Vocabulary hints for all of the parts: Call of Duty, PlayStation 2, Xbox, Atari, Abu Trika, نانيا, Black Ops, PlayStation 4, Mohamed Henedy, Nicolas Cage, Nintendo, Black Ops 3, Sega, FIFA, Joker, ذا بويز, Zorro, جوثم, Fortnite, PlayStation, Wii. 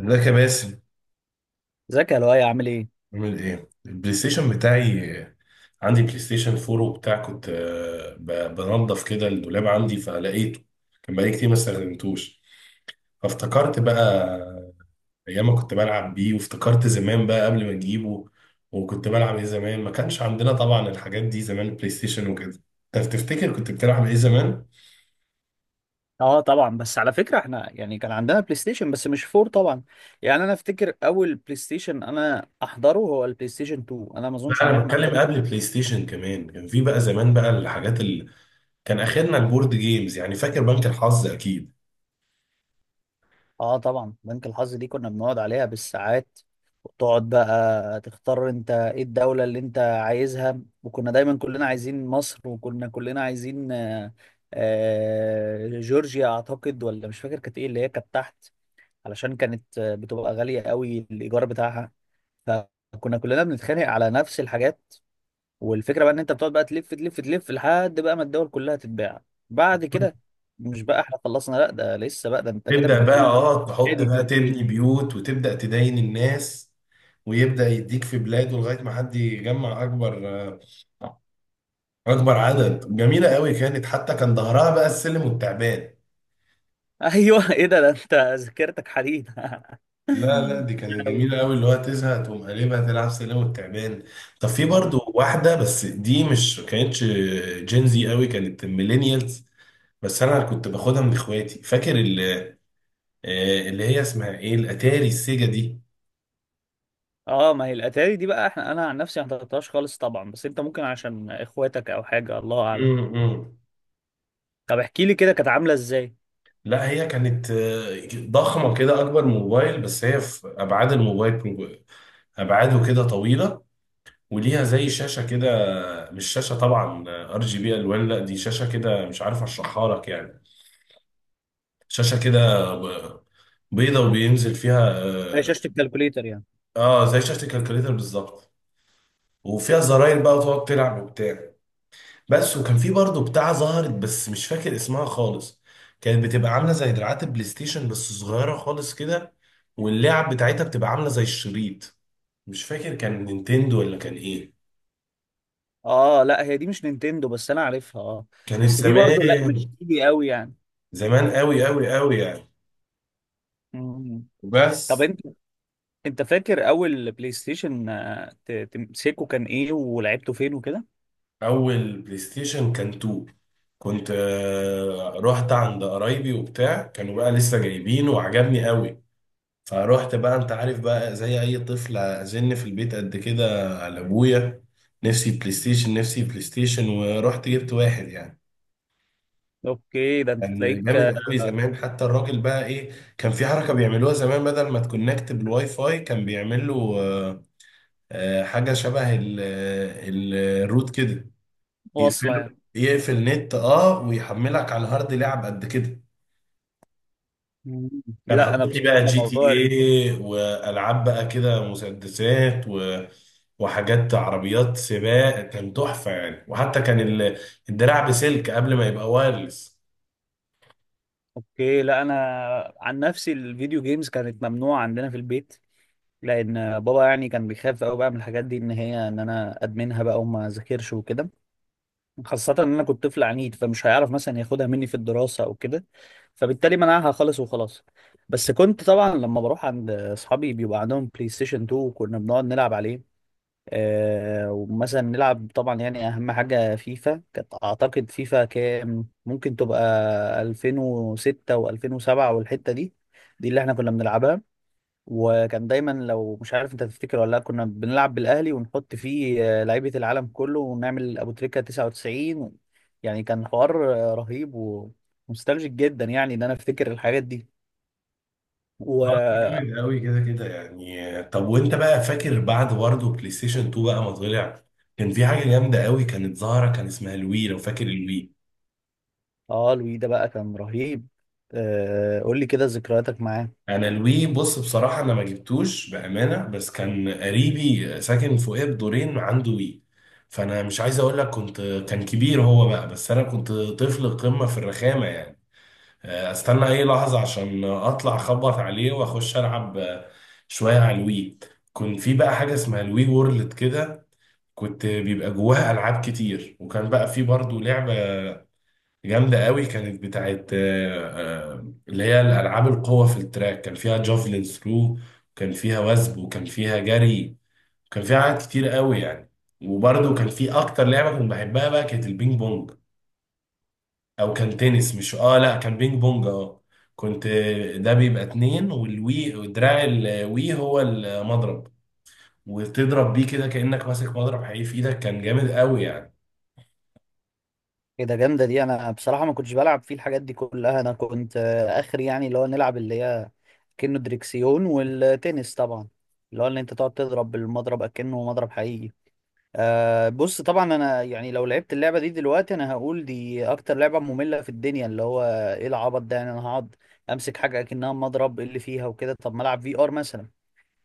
ازيك يا باسم؟ ازيك يا لؤي؟ عامل ايه؟ عامل ايه البلاي ستيشن بتاعي؟ عندي بلاي ستيشن 4 وبتاع. كنت بنضف كده الدولاب عندي فلقيته. كان بقالي كتير ما استخدمتوش، فافتكرت بقى ايام ما كنت بلعب بيه، وافتكرت زمان بقى قبل ما نجيبه. وكنت بلعب ايه زمان؟ ما كانش عندنا طبعا الحاجات دي زمان، البلاي ستيشن وكده. انت تفتكر كنت بتلعب ايه زمان؟ اه طبعا، بس على فكره احنا يعني كان عندنا بلاي ستيشن بس مش فور طبعا. يعني انا افتكر اول بلاي ستيشن انا احضره هو البلاي ستيشن 2. انا ما لا، اظنش ان انا احنا حضرنا. بتكلم قبل بلاي ستيشن كمان. كان في بقى زمان بقى الحاجات اللي كان اخرنا البورد جيمز يعني، فاكر بنك الحظ اكيد؟ اه طبعا، بنك الحظ دي كنا بنقعد عليها بالساعات. وتقعد بقى تختار انت ايه الدوله اللي انت عايزها، وكنا دايما كلنا عايزين مصر، وكنا كلنا عايزين جورجيا اعتقد، ولا مش فاكر كانت ايه اللي هي كانت تحت. علشان كانت بتبقى غاليه قوي الايجار بتاعها. فكنا كلنا بنتخانق على نفس الحاجات. والفكره بقى ان انت بتقعد بقى تلف تلف تلف لحد بقى ما الدول كلها تتباع. بعد كده مش بقى احنا خلصنا، لا ده لسه، بقى ده انت كده تبدأ بقى، بتقول: اه، تحط ادي في بقى الجيم. تبني بيوت وتبدأ تداين الناس، ويبدأ يديك في بلاده لغاية ما حد يجمع أكبر أكبر عدد. جميلة قوي كانت، حتى كان ظهرها بقى السلم والتعبان. ايوه ايه ده، ده انت ذاكرتك حديد. لا لا، دي كانت أوي. جميلة قوي، اللي هو تزهق تقوم قلبها تلعب سلم والتعبان. طب في برضو واحدة، بس دي مش كانتش جينزي قوي، كانت ميلينيالز. بس أنا كنت باخدها من إخواتي، فاكر اللي هي اسمها إيه، الأتاري السيجا دي. اه، ما هي الاتاري دي بقى احنا، انا عن نفسي ما حضرتهاش خالص طبعا، بس انت ممكن عشان اخواتك او حاجه، الله اعلم. مم، مم. طب احكي لي كده كانت عامله ازاي. لا، هي كانت ضخمة كده، أكبر موبايل، بس هي في أبعاد الموبايل. أبعاده كده طويلة، وليها زي شاشة كده. مش شاشة طبعا RGB ألوان، لا، دي شاشة كده مش عارف أشرحها لك يعني. شاشة كده ب- بيضة وبينزل فيها هي شاشه الكالكوليتر يعني؟ زي شاشة الكالكوليتر بالظبط. وفيها زراير بقى وتقعد تلعب وبتاع. بس، وكان في برضه بتاع ظهرت بس مش فاكر اسمها خالص. كانت بتبقى عامله زي دراعات البلاي ستيشن بس صغيره خالص كده، واللعب بتاعتها بتبقى عامله زي الشريط. مش فاكر كان نينتندو ولا كان ايه. اه لا، هي دي مش نينتندو، بس انا عارفها اه. كانت بس دي برضه لا، مش زمان، ايدي قوي يعني. زمان قوي قوي قوي يعني. مم. طب بس انت فاكر اول بلاي ستيشن تمسكه كان ايه ولعبته فين وكده؟ اول بلاي ستيشن كان 2. كنت رحت عند قرايبي وبتاع، كانوا بقى لسه جايبينه وعجبني قوي. فروحت بقى، انت عارف بقى زي اي طفل، ازن في البيت قد كده على ابويا: نفسي بلاي ستيشن، نفسي بلاي ستيشن، ورحت جبت واحد يعني. اوكي، ده انت كان تلاقيك جامد قوي زمان، حتى الراجل بقى ايه، كان في حركه بيعملوها زمان بدل ما تكونكت بالواي فاي، كان بيعمل له آه، حاجه شبه الروت كده. واصله يقفله، يعني. يقفل نت، اه، ويحملك على الهارد لعب قد كده. مم. كان لا انا حاطط لي بصراحه بقى جي تي موضوع ال... ايه والعاب بقى كده، مسدسات و... وحاجات، عربيات سباق، كان تحفه يعني. وحتى كان ال... الدراع بسلك قبل ما يبقى وايرلس. اوكي، لا انا عن نفسي الفيديو جيمز كانت ممنوعه عندنا في البيت، لان بابا يعني كان بيخاف قوي بقى من الحاجات دي، ان هي، ان انا ادمنها بقى وما ذاكرش وكده. خاصة ان انا كنت طفل عنيد، فمش هيعرف مثلا ياخدها مني في الدراسة او كده. فبالتالي منعها خالص وخلاص. بس كنت طبعا لما بروح عند اصحابي بيبقى عندهم بلاي ستيشن 2 وكنا بنقعد نلعب عليه. آه ومثلا نلعب طبعا يعني اهم حاجة فيفا كانت، اعتقد فيفا كام ممكن تبقى؟ 2006 و2007 والحتة دي. دي اللي احنا كنا بنلعبها. وكان دايما، لو مش عارف انت تفتكر ولا لا، كنا بنلعب بالاهلي ونحط فيه لعيبه العالم كله ونعمل ابو تريكه 99. يعني كان حوار رهيب ومستلجك جدا، يعني ان انا افتكر الحاجات دي و... اه كان جامد قوي كده كده يعني. طب وانت بقى فاكر بعد برضه بلاي ستيشن 2 بقى ما طلع، كان في حاجه جامده قوي كانت ظاهره، كان اسمها الوي؟ لو فاكر الوي، اه، لوي ده بقى كان رهيب. آه، قول لي كده ذكرياتك معاه. انا الوي بص بصراحه انا ما جبتوش بامانه، بس كان قريبي ساكن فوقيه بدورين عنده وي. فانا مش عايز اقول لك كنت، كان كبير هو بقى بس انا كنت طفل قمه في الرخامه يعني. استنى اي لحظه عشان اطلع اخبط عليه واخش العب شويه على الوي. كنت في بقى حاجه اسمها الوي وورلد كده، كنت بيبقى جواها العاب كتير. وكان بقى في برضه لعبه جامدة قوي، كانت بتاعت اللي هي الألعاب القوة في التراك. كان فيها جافلين ثرو، وكان فيها وثب، وكان فيها جري، وكان فيها حاجات كتير قوي يعني. وبرده كان في أكتر لعبة كنت بحبها بقى، كانت البينج بونج. أو كان تنس، مش لأ كان بينج بونج آه. كنت ده بيبقى اتنين، والوي ودراع الوي هو المضرب، وتضرب بيه كده كأنك ماسك مضرب حقيقي في إيدك. كان جامد قوي يعني. ايه ده، جامده دي! انا بصراحه ما كنتش بلعب فيه الحاجات دي كلها. انا كنت اخر يعني، اللي هو نلعب اللي هي كأنه دريكسيون، والتنس طبعا، اللي هو ان انت تقعد تضرب بالمضرب اكنه مضرب حقيقي. أه بص، طبعا انا يعني لو لعبت اللعبه دي دلوقتي انا هقول دي اكتر لعبه ممله في الدنيا. اللي هو ايه العبط ده يعني؟ انا هقعد امسك حاجه اكنها مضرب، إيه اللي فيها وكده؟ طب ما العب في ار مثلا.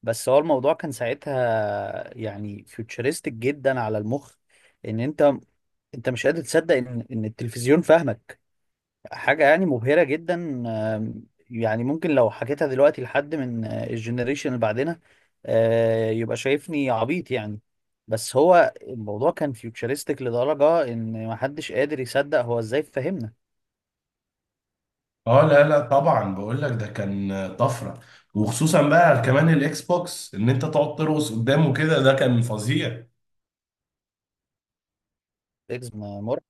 بس هو الموضوع كان ساعتها يعني فيوتشرستك جدا على المخ، ان انت مش قادر تصدق ان التلفزيون فاهمك. حاجة يعني مبهرة جدا. يعني ممكن لو حكيتها دلوقتي لحد من الجنريشن اللي بعدنا، يبقى شايفني عبيط يعني. بس هو الموضوع كان فيوتشرستيك لدرجة ان محدش قادر يصدق هو ازاي فهمنا. اه لا لا، طبعا بقول لك ده كان طفره. وخصوصا بقى كمان الاكس بوكس، ان انت تقعد ترقص قدامه كده، ده كان فظيع. اكس مرعب.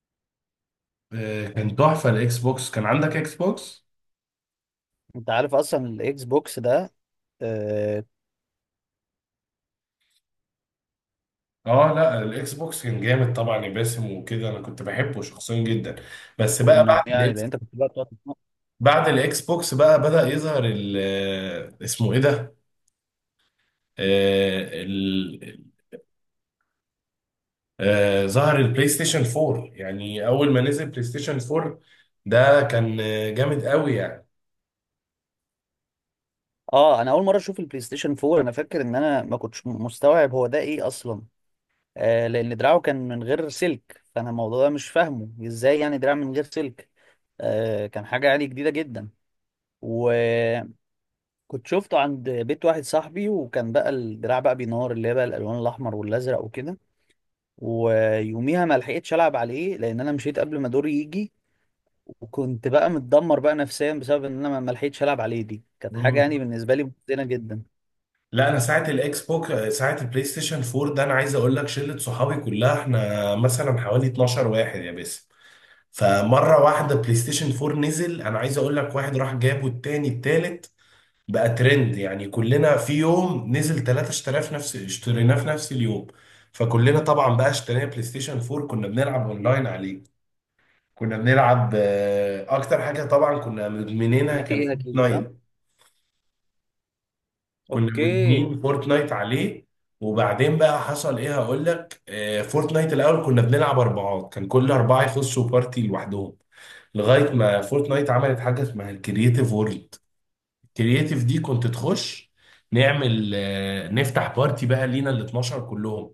كان تحفه الاكس بوكس. كان عندك اكس بوكس؟ انت عارف اصلا الاكس بوكس ده؟ آه، اه لا، الاكس بوكس كان جامد طبعا يا باسم وكده، انا كنت بحبه شخصيا جدا. بس بقى كنا بعد يعني، لان الاكس، انت كنت بقى بتقعد تسمع- بعد الاكس بوكس بقى بدأ يظهر ال اسمه ايه ده، آه، ال- ظهر البلاي ستيشن 4 يعني. اول ما نزل بلاي ستيشن 4 ده كان جامد قوي يعني. اه انا اول مرة اشوف البلاي ستيشن 4 انا فاكر ان انا ما كنتش مستوعب هو ده ايه اصلا. لان دراعه كان من غير سلك، فانا الموضوع ده مش فاهمه ازاي يعني، دراع من غير سلك. كان حاجه يعني جديده جدا. وكنت شفته عند بيت واحد صاحبي، وكان بقى الدراع بقى بينور، اللي هي بقى الالوان الاحمر والازرق وكده. ويوميها ما لحقتش العب عليه لان انا مشيت قبل ما دوري يجي. وكنت بقى متدمر بقى نفسيا بسبب ان انا ما لحقتش العب عليه. دي كانت حاجه مم. يعني بالنسبه لي محزنه جدا. لا انا ساعه الاكس بوك، ساعه البلاي ستيشن 4 ده، انا عايز اقول لك شله صحابي كلها، احنا مثلا حوالي 12 واحد يا باسم. فمره واحده بلاي ستيشن 4 نزل، انا عايز اقول لك واحد راح جابه، التاني، التالت، بقى ترند يعني. كلنا في يوم نزل ثلاثة اشتراف نفس اشتريناه في نفس اليوم. فكلنا طبعا بقى اشترينا بلاي ستيشن 4، كنا بنلعب اونلاين عليه. كنا بنلعب اكتر حاجه طبعا كنا جي مدمنينها تي كان ايه اكيد، صح. فورتنايت. كنا اوكي. مدمنين فورتنايت عليه. وبعدين بقى حصل ايه، هقول لك. فورتنايت الاول كنا بنلعب اربعات، كان كل اربعه يخشوا بارتي لوحدهم، لغايه ما فورتنايت عملت حاجه اسمها الكرييتيف وورلد. الكرييتيف دي كنت تخش، نعمل نفتح بارتي بقى لينا ال 12 كلهم.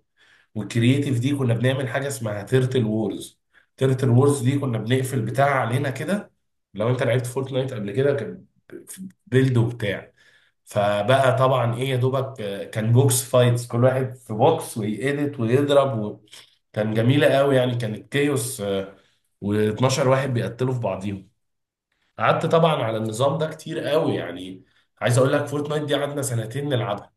والكرييتيف دي كنا بنعمل حاجه اسمها تيرتل وورز. تيرتل وورز دي كنا بنقفل بتاع علينا كده، لو انت لعبت فورتنايت قبل كده كان بيلد وبتاع. فبقى طبعا ايه يا دوبك، كان بوكس فايتس، كل واحد في بوكس ويقلت ويضرب و... كان جميله قوي يعني، كانت كيوس. و12 واحد بيقتلوا في بعضيهم. قعدت طبعا على النظام ده كتير قوي يعني. عايز اقول لك فورتنايت دي قعدنا سنتين نلعبها.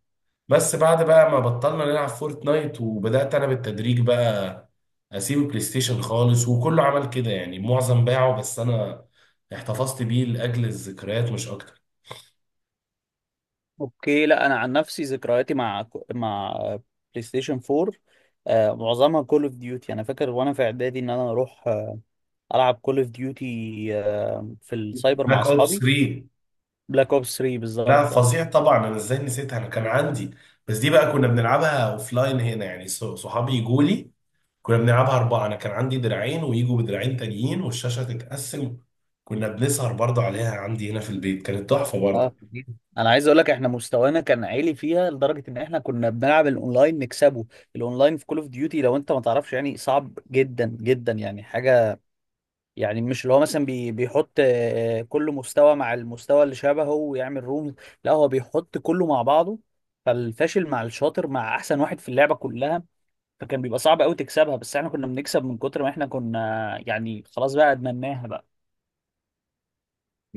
بس بعد بقى ما بطلنا نلعب فورتنايت، وبدات انا بالتدريج بقى اسيب البلاي ستيشن خالص، وكله عمل كده يعني، معظم باعه بس انا احتفظت بيه لاجل الذكريات مش اكتر. اوكي، لا انا عن نفسي ذكرياتي مع مع بلاي ستيشن 4، معظمها كول اوف ديوتي. انا فاكر وانا في اعدادي ان انا اروح العب كول اوف ديوتي في السايبر مع بلاك اوبس اصحابي. 3. بلاك اوبس 3 لا بالظبط، اه. فظيع طبعا، انا ازاي نسيتها، انا كان عندي. بس دي بقى كنا بنلعبها اوف لاين هنا يعني، صحابي يجوا لي. كنا بنلعبها اربعه، انا كان عندي دراعين ويجوا بدراعين تانيين والشاشه تتقسم. كنا بنسهر برضه عليها عندي هنا في البيت، كانت تحفه برضه. آه. انا عايز اقول لك احنا مستوانا كان عالي فيها لدرجه ان احنا كنا بنلعب الاونلاين نكسبه. الاونلاين في كول اوف ديوتي، لو انت ما تعرفش يعني صعب جدا جدا، يعني حاجه، يعني مش اللي هو مثلا بي بيحط كل مستوى مع المستوى اللي شبهه ويعمل روم. لا هو بيحط كله مع بعضه. فالفاشل مع الشاطر مع احسن واحد في اللعبة كلها. فكان بيبقى صعب قوي تكسبها، بس احنا كنا بنكسب من كتر ما احنا كنا يعني خلاص بقى ادمناها بقى.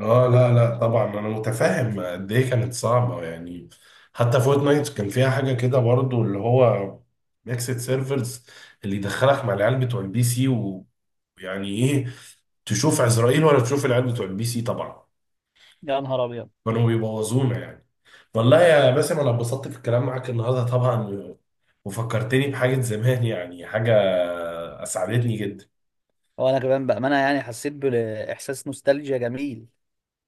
اه لا لا، طبعا انا متفاهم قد ايه كانت صعبه يعني. حتى فورتنايت كان فيها حاجه كده برضه، اللي هو ميكسد سيرفرز، اللي يدخلك مع العيال بتوع الـPC. ويعني ايه، تشوف عزرائيل ولا تشوف العيال بتوع الـPC طبعا. يا نهار ابيض! كانوا بيبوظونا يعني. والله يا باسم انا اتبسطت في الكلام معاك النهارده طبعا، وفكرتني بحاجة زمان يعني، حاجة اسعدتني جدا. هو انا كمان بأمانة يعني حسيت بإحساس نوستالجيا جميل.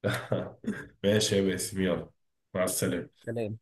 ماشي يا باسم، يلا، مع السلامة. سلام.